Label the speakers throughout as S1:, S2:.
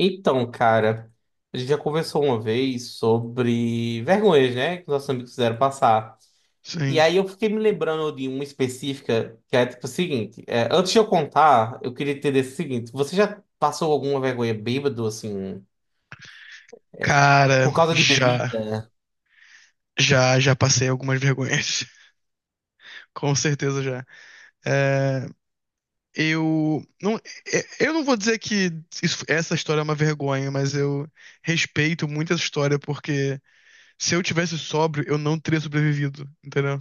S1: Então, cara, a gente já conversou uma vez sobre vergonhas, né? Que nossos amigos fizeram passar. E
S2: Sim.
S1: aí eu fiquei me lembrando de uma específica que é tipo o seguinte: antes de eu contar, eu queria entender o seguinte: você já passou alguma vergonha bêbado, assim,
S2: Cara,
S1: por causa de
S2: já,
S1: bebida?
S2: já, já passei algumas vergonhas. Com certeza já. É, eu não, eu não vou dizer que essa história é uma vergonha, mas eu respeito muito essa história porque se eu tivesse sóbrio, eu não teria sobrevivido, entendeu?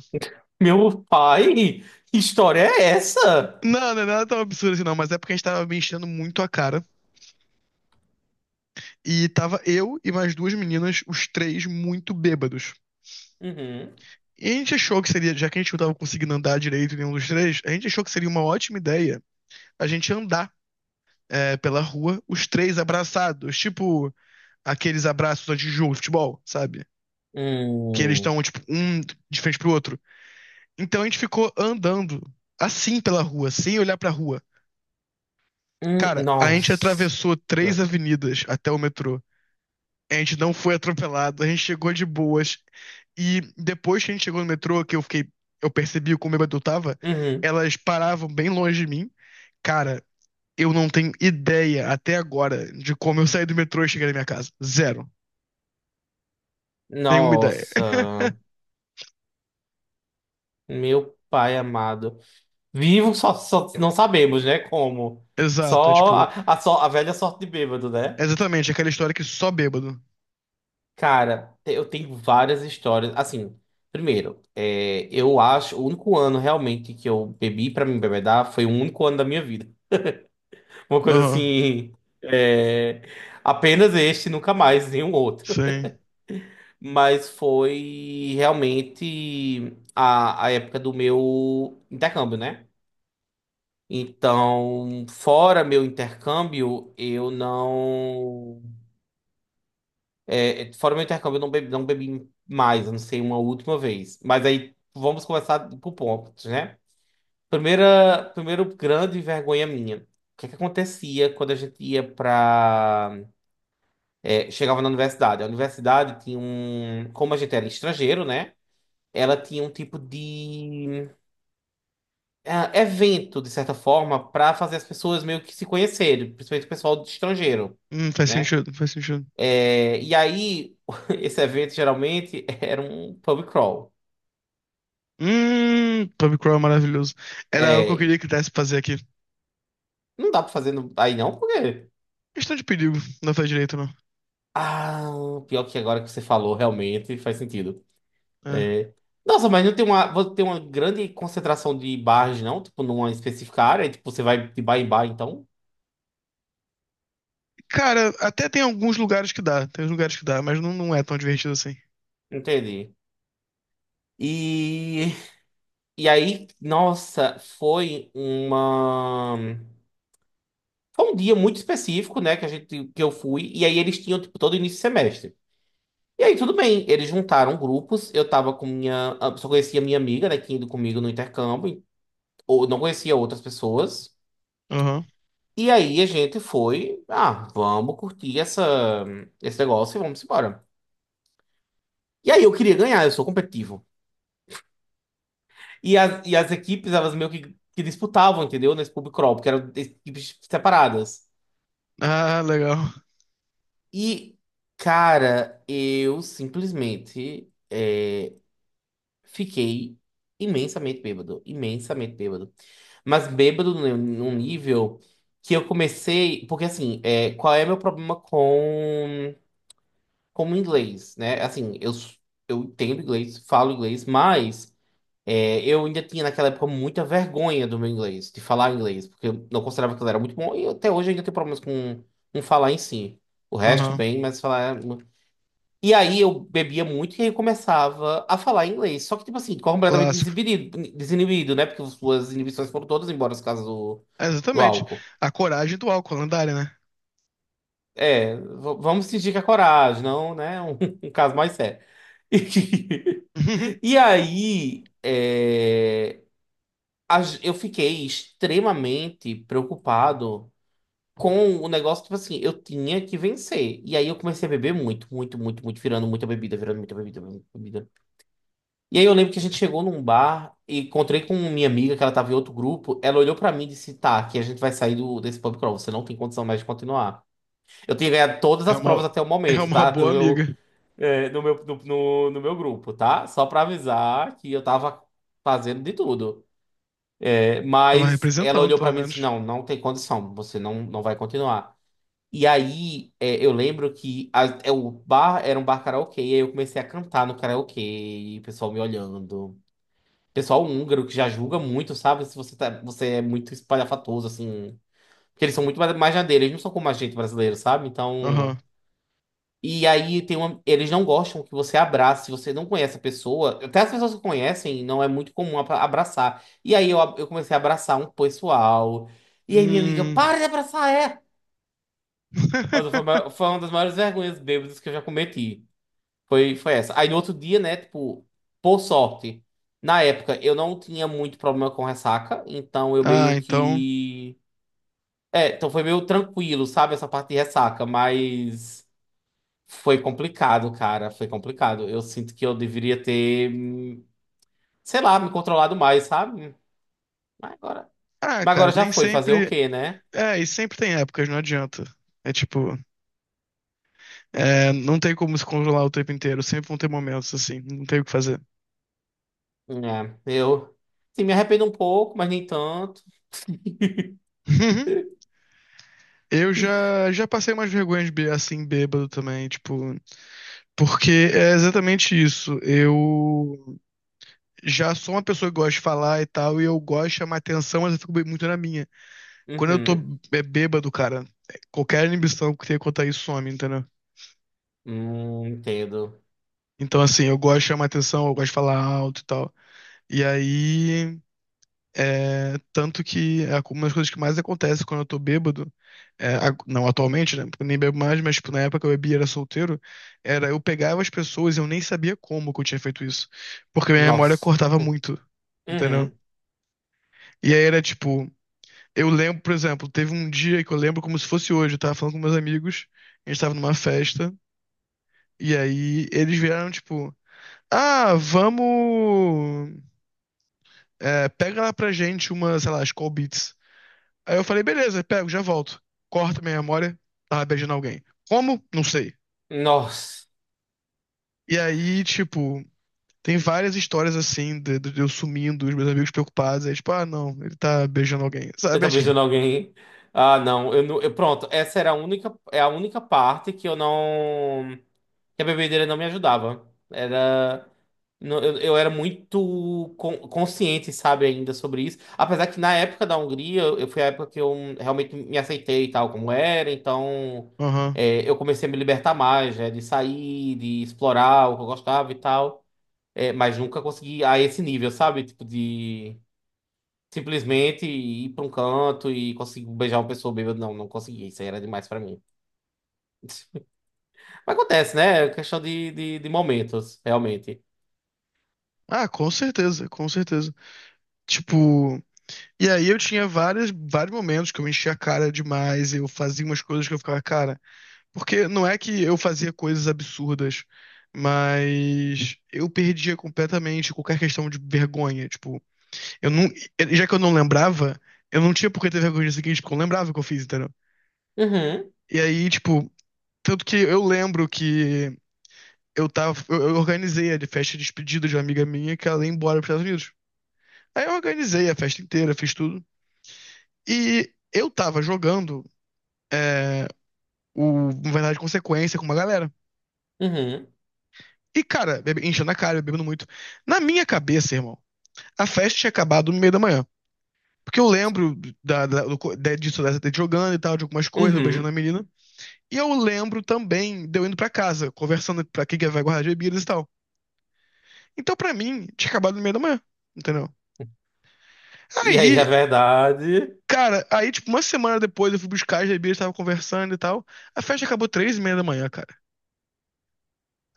S1: Meu pai, que história é essa?
S2: Não, não é nada tão absurdo assim, não, mas é porque a gente tava me enchendo muito a cara e tava eu e mais duas meninas, os três muito bêbados.
S1: Uhum.
S2: E a gente achou que seria, já que a gente não tava conseguindo andar direito nenhum dos três, a gente achou que seria uma ótima ideia a gente andar pela rua, os três abraçados, tipo aqueles abraços antes de jogo de futebol, sabe? Que eles
S1: Hum,
S2: estão, tipo, um de frente pro outro. Então a gente ficou andando assim pela rua, sem olhar pra rua. Cara, a gente
S1: nossa.
S2: atravessou 3 avenidas até o metrô. A gente não foi atropelado, a gente chegou de boas. E depois que a gente chegou no metrô, que eu fiquei, eu percebi como bêbado eu tava,
S1: Uhum.
S2: elas paravam bem longe de mim. Cara, eu não tenho ideia até agora de como eu saí do metrô e cheguei na minha casa. Zero. Nenhuma ideia.
S1: Nossa, meu pai amado. Vivo só, só não sabemos, né? Como.
S2: Exato, é
S1: Só a,
S2: tipo,
S1: a, só a velha sorte de bêbado,
S2: é
S1: né?
S2: exatamente aquela história que só bêbado.
S1: Cara, eu tenho várias histórias. Assim, primeiro, eu acho o único ano realmente que eu bebi pra me embebedar foi o único ano da minha vida. Uma coisa
S2: Aham,
S1: assim. é, apenas este, nunca mais, nenhum outro.
S2: sim.
S1: Mas foi realmente a época do meu intercâmbio, né? Então, fora meu intercâmbio, eu não. Fora meu intercâmbio, eu não bebi, mais, eu não sei, uma última vez. Mas aí vamos começar por pontos, né? Primeiro grande vergonha minha. O que é que acontecia quando a gente ia pra. Chegava na universidade? A universidade tinha um. Como a gente era estrangeiro, né? Ela tinha um tipo de. Evento, de certa forma, para fazer as pessoas meio que se conhecerem, principalmente o pessoal de estrangeiro,
S2: Faz
S1: né?
S2: sentido, faz sentido.
S1: É, e aí, esse evento geralmente era um pub crawl.
S2: Tommy Crow é maravilhoso. Era algo que eu
S1: É,
S2: queria que desse pra fazer aqui.
S1: não dá pra fazer aí não, porque.
S2: Questão de perigo, não faz direito, não.
S1: Ah, pior que agora que você falou, realmente faz sentido.
S2: É.
S1: É, Nossa, mas não tem uma, você tem uma grande concentração de bares, não? Tipo, numa específica área, tipo, você vai de bar em bar, então?
S2: Cara, até tem alguns lugares que dá, tem uns lugares que dá, mas não, não é tão divertido assim.
S1: Entendi. E E aí, nossa, foi uma. Foi um dia muito específico, né, que eu fui, e aí eles tinham, tipo, todo início de semestre. E aí, tudo bem, eles juntaram grupos, eu tava só conhecia minha amiga, né, que tinha ido comigo no intercâmbio, ou não conhecia outras pessoas.
S2: Aham.
S1: E aí a gente foi, ah, vamos curtir esse negócio e vamos embora. E aí eu queria ganhar, eu sou competitivo. E as equipes, elas meio que disputavam, entendeu, nesse pub crawl, porque eram equipes separadas.
S2: Ah, legal.
S1: E, cara, eu simplesmente fiquei imensamente bêbado, imensamente bêbado. Mas bêbado num nível que eu comecei. Porque, assim, qual é meu problema com o inglês, né? Assim, eu entendo inglês, falo inglês, mas Eu ainda tinha naquela época muita vergonha do meu inglês, de falar inglês, porque eu não considerava que ele era muito bom e até hoje eu ainda tenho problemas com falar em si. O resto,
S2: Aham.
S1: bem, mas falar. E aí eu bebia muito e aí eu começava a falar inglês. Só que, tipo assim, completamente
S2: Clássico.
S1: desinibido, desinibido, né? Porque as suas inibições foram todas embora no caso do,
S2: É,
S1: do
S2: exatamente.
S1: álcool.
S2: A coragem do álcool, lendária, né?
S1: Vamos fingir que é coragem, não, né? Um, um caso mais sério. E aí, eu fiquei extremamente preocupado com o negócio, tipo assim, eu tinha que vencer. E aí eu comecei a beber muito, muito, muito, muito, virando muita bebida, muita bebida. E aí eu lembro que a gente chegou num bar e encontrei com minha amiga, que ela tava em outro grupo. Ela olhou pra mim e disse: Tá, que a gente vai sair desse pub crawl, você não tem condição mais de continuar. Eu tinha ganhado todas
S2: É
S1: as provas
S2: uma,
S1: até o
S2: é
S1: momento,
S2: uma
S1: tá? No
S2: boa
S1: meu,
S2: amiga.
S1: é, no meu, no, no- no meu grupo, tá? Só pra avisar que eu tava fazendo de tudo. É,
S2: Tava
S1: mas ela
S2: representando,
S1: olhou pra
S2: pelo
S1: mim e disse:
S2: menos.
S1: Não, não tem condição, você não vai continuar. E aí, eu lembro que o bar era um bar karaokê, e aí eu comecei a cantar no karaokê, e o pessoal me olhando. Pessoal húngaro que já julga muito, sabe? Se você, tá, você é muito espalhafatoso, assim. Porque eles são muito mais na dele, eles não são como a gente brasileiro, sabe?
S2: Aham.
S1: Então. E aí tem uma. Eles não gostam que você abrace, se você não conhece a pessoa. Até as pessoas que conhecem, não é muito comum abraçar. E aí eu comecei a abraçar um pessoal. E aí minha amiga,
S2: Hum.
S1: para de abraçar, é! Mas foi, a maior- foi uma das maiores vergonhas bêbadas que eu já cometi. Foi essa. Aí no outro dia, né, tipo, por sorte, na época eu não tinha muito problema com ressaca, então eu
S2: Ah,
S1: meio
S2: então.
S1: que. Então foi meio tranquilo, sabe, essa parte de ressaca, mas foi complicado, cara, foi complicado. Eu sinto que eu deveria ter, sei lá, me controlado mais, sabe? Mas agora,
S2: Ah,
S1: mas
S2: cara,
S1: agora já
S2: tem
S1: foi, fazer o
S2: sempre.
S1: quê, né?
S2: É, e sempre tem épocas, não adianta. É tipo. É, não tem como se controlar o tempo inteiro. Sempre vão ter momentos assim. Não tem o que fazer.
S1: Eu, sim, me arrependo um pouco, mas nem tanto.
S2: Eu já passei umas vergonhas assim, bêbado também, tipo. Porque é exatamente isso. Eu já sou uma pessoa que gosta de falar e tal, e eu gosto de chamar atenção, mas eu fico muito na minha. Quando eu tô
S1: Uhum.
S2: bêbado, cara, qualquer inibição que tenha quanto a isso some, entendeu?
S1: Entendo.
S2: Então, assim, eu gosto de chamar atenção, eu gosto de falar alto e tal. E aí, tanto que é uma das coisas que mais acontece quando eu tô bêbado, é, não atualmente, né? Porque eu nem bebo mais, mas tipo, na época que eu bebia e era solteiro, era eu pegava as pessoas e eu nem sabia como que eu tinha feito isso. Porque minha memória
S1: Nossa.
S2: cortava muito, entendeu?
S1: Uhum.
S2: E aí era tipo, eu lembro, por exemplo, teve um dia que eu lembro como se fosse hoje, eu tava falando com meus amigos, a gente tava numa festa. E aí eles vieram, tipo, ah, vamos. Pega lá pra gente uma, sei lá, as call beats. Aí eu falei, beleza, pego, já volto. Corta minha memória, tava beijando alguém. Como? Não sei.
S1: Nossa.
S2: E aí, tipo, tem várias histórias assim, de eu sumindo, os meus amigos preocupados. Aí, tipo, ah, não, ele tá beijando alguém,
S1: Eu
S2: sabe? É,
S1: tô
S2: tipo,
S1: beijando alguém. Ah, não. Pronto, essa era a única parte que eu não. Que a bebedeira não me ajudava. Era. Eu era muito consciente, sabe, ainda sobre isso. Apesar que na época da Hungria, foi a época que eu realmente me aceitei e tal, como era, então
S2: aham.
S1: eu comecei a me libertar mais, né, de sair, de explorar o que eu gostava e tal. Mas nunca consegui a esse nível, sabe? Tipo, de. Simplesmente ir pra um canto e conseguir beijar uma pessoa bêbada. Não, não consegui. Isso aí era demais pra mim. Mas acontece, né? É questão de momentos, realmente.
S2: Ah, com certeza, com certeza. Tipo, e aí eu tinha várias, vários momentos que eu enchia a cara demais, eu fazia umas coisas que eu ficava, cara. Porque não é que eu fazia coisas absurdas, mas eu perdia completamente qualquer questão de vergonha. Tipo, eu não. Já que eu não lembrava, eu não tinha por que ter vergonha disso aqui, porque eu lembrava o que eu fiz, entendeu?
S1: Uhum,
S2: E aí, tipo, tanto que eu lembro que eu tava. Eu organizei a de festa de despedida de uma amiga minha que ela ia embora para os Estados Unidos. Aí eu organizei a festa inteira, fiz tudo. E eu tava jogando o Verdade e Consequência com uma galera.
S1: uhum,
S2: E, cara, enchendo a cara, bebendo muito. Na minha cabeça, irmão, a festa tinha acabado no meio da manhã. Porque eu lembro disso, dessa de jogando e tal, de algumas coisas, eu beijando
S1: uhum.
S2: a menina. E eu lembro também de eu indo pra casa, conversando pra quem que vai guardar as bebidas e tal. Então, pra mim, tinha acabado no meio da manhã, entendeu?
S1: E aí, a
S2: Aí,
S1: verdade.
S2: cara, aí, tipo, uma semana depois eu fui buscar as bebidas, tava conversando e tal. A festa acabou 3h30 da manhã, cara.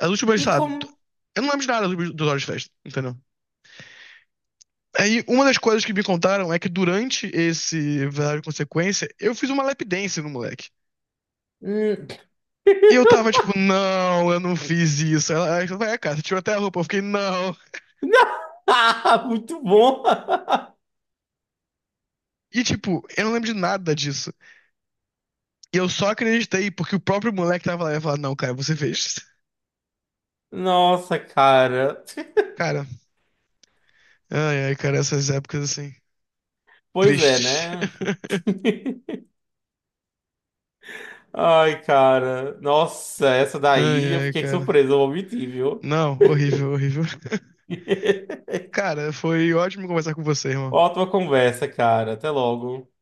S2: As últimas,
S1: E
S2: sei lá,
S1: como.
S2: eu não lembro de nada das últimas 2 horas de festa, entendeu? Aí, uma das coisas que me contaram é que durante esse verdade e consequência, eu fiz uma lap dance no moleque.
S1: Hum.
S2: E eu tava tipo, não, eu não fiz isso. Ela vai, cara, você tirou até a roupa. Eu fiquei, não.
S1: Ah, muito bom!
S2: E tipo, eu não lembro de nada disso. E eu só acreditei porque o próprio moleque tava lá e falou, não, cara, você fez.
S1: Nossa, cara.
S2: Cara, ai, ai, cara, essas épocas assim,
S1: Pois é,
S2: tristes.
S1: né? Ai, cara. Nossa, essa
S2: Ai,
S1: daí eu
S2: ai,
S1: fiquei
S2: cara.
S1: surpreso, eu vou mentir, viu?
S2: Não, horrível, horrível. Cara, foi ótimo conversar com você, irmão.
S1: Ótima conversa, cara. Até logo.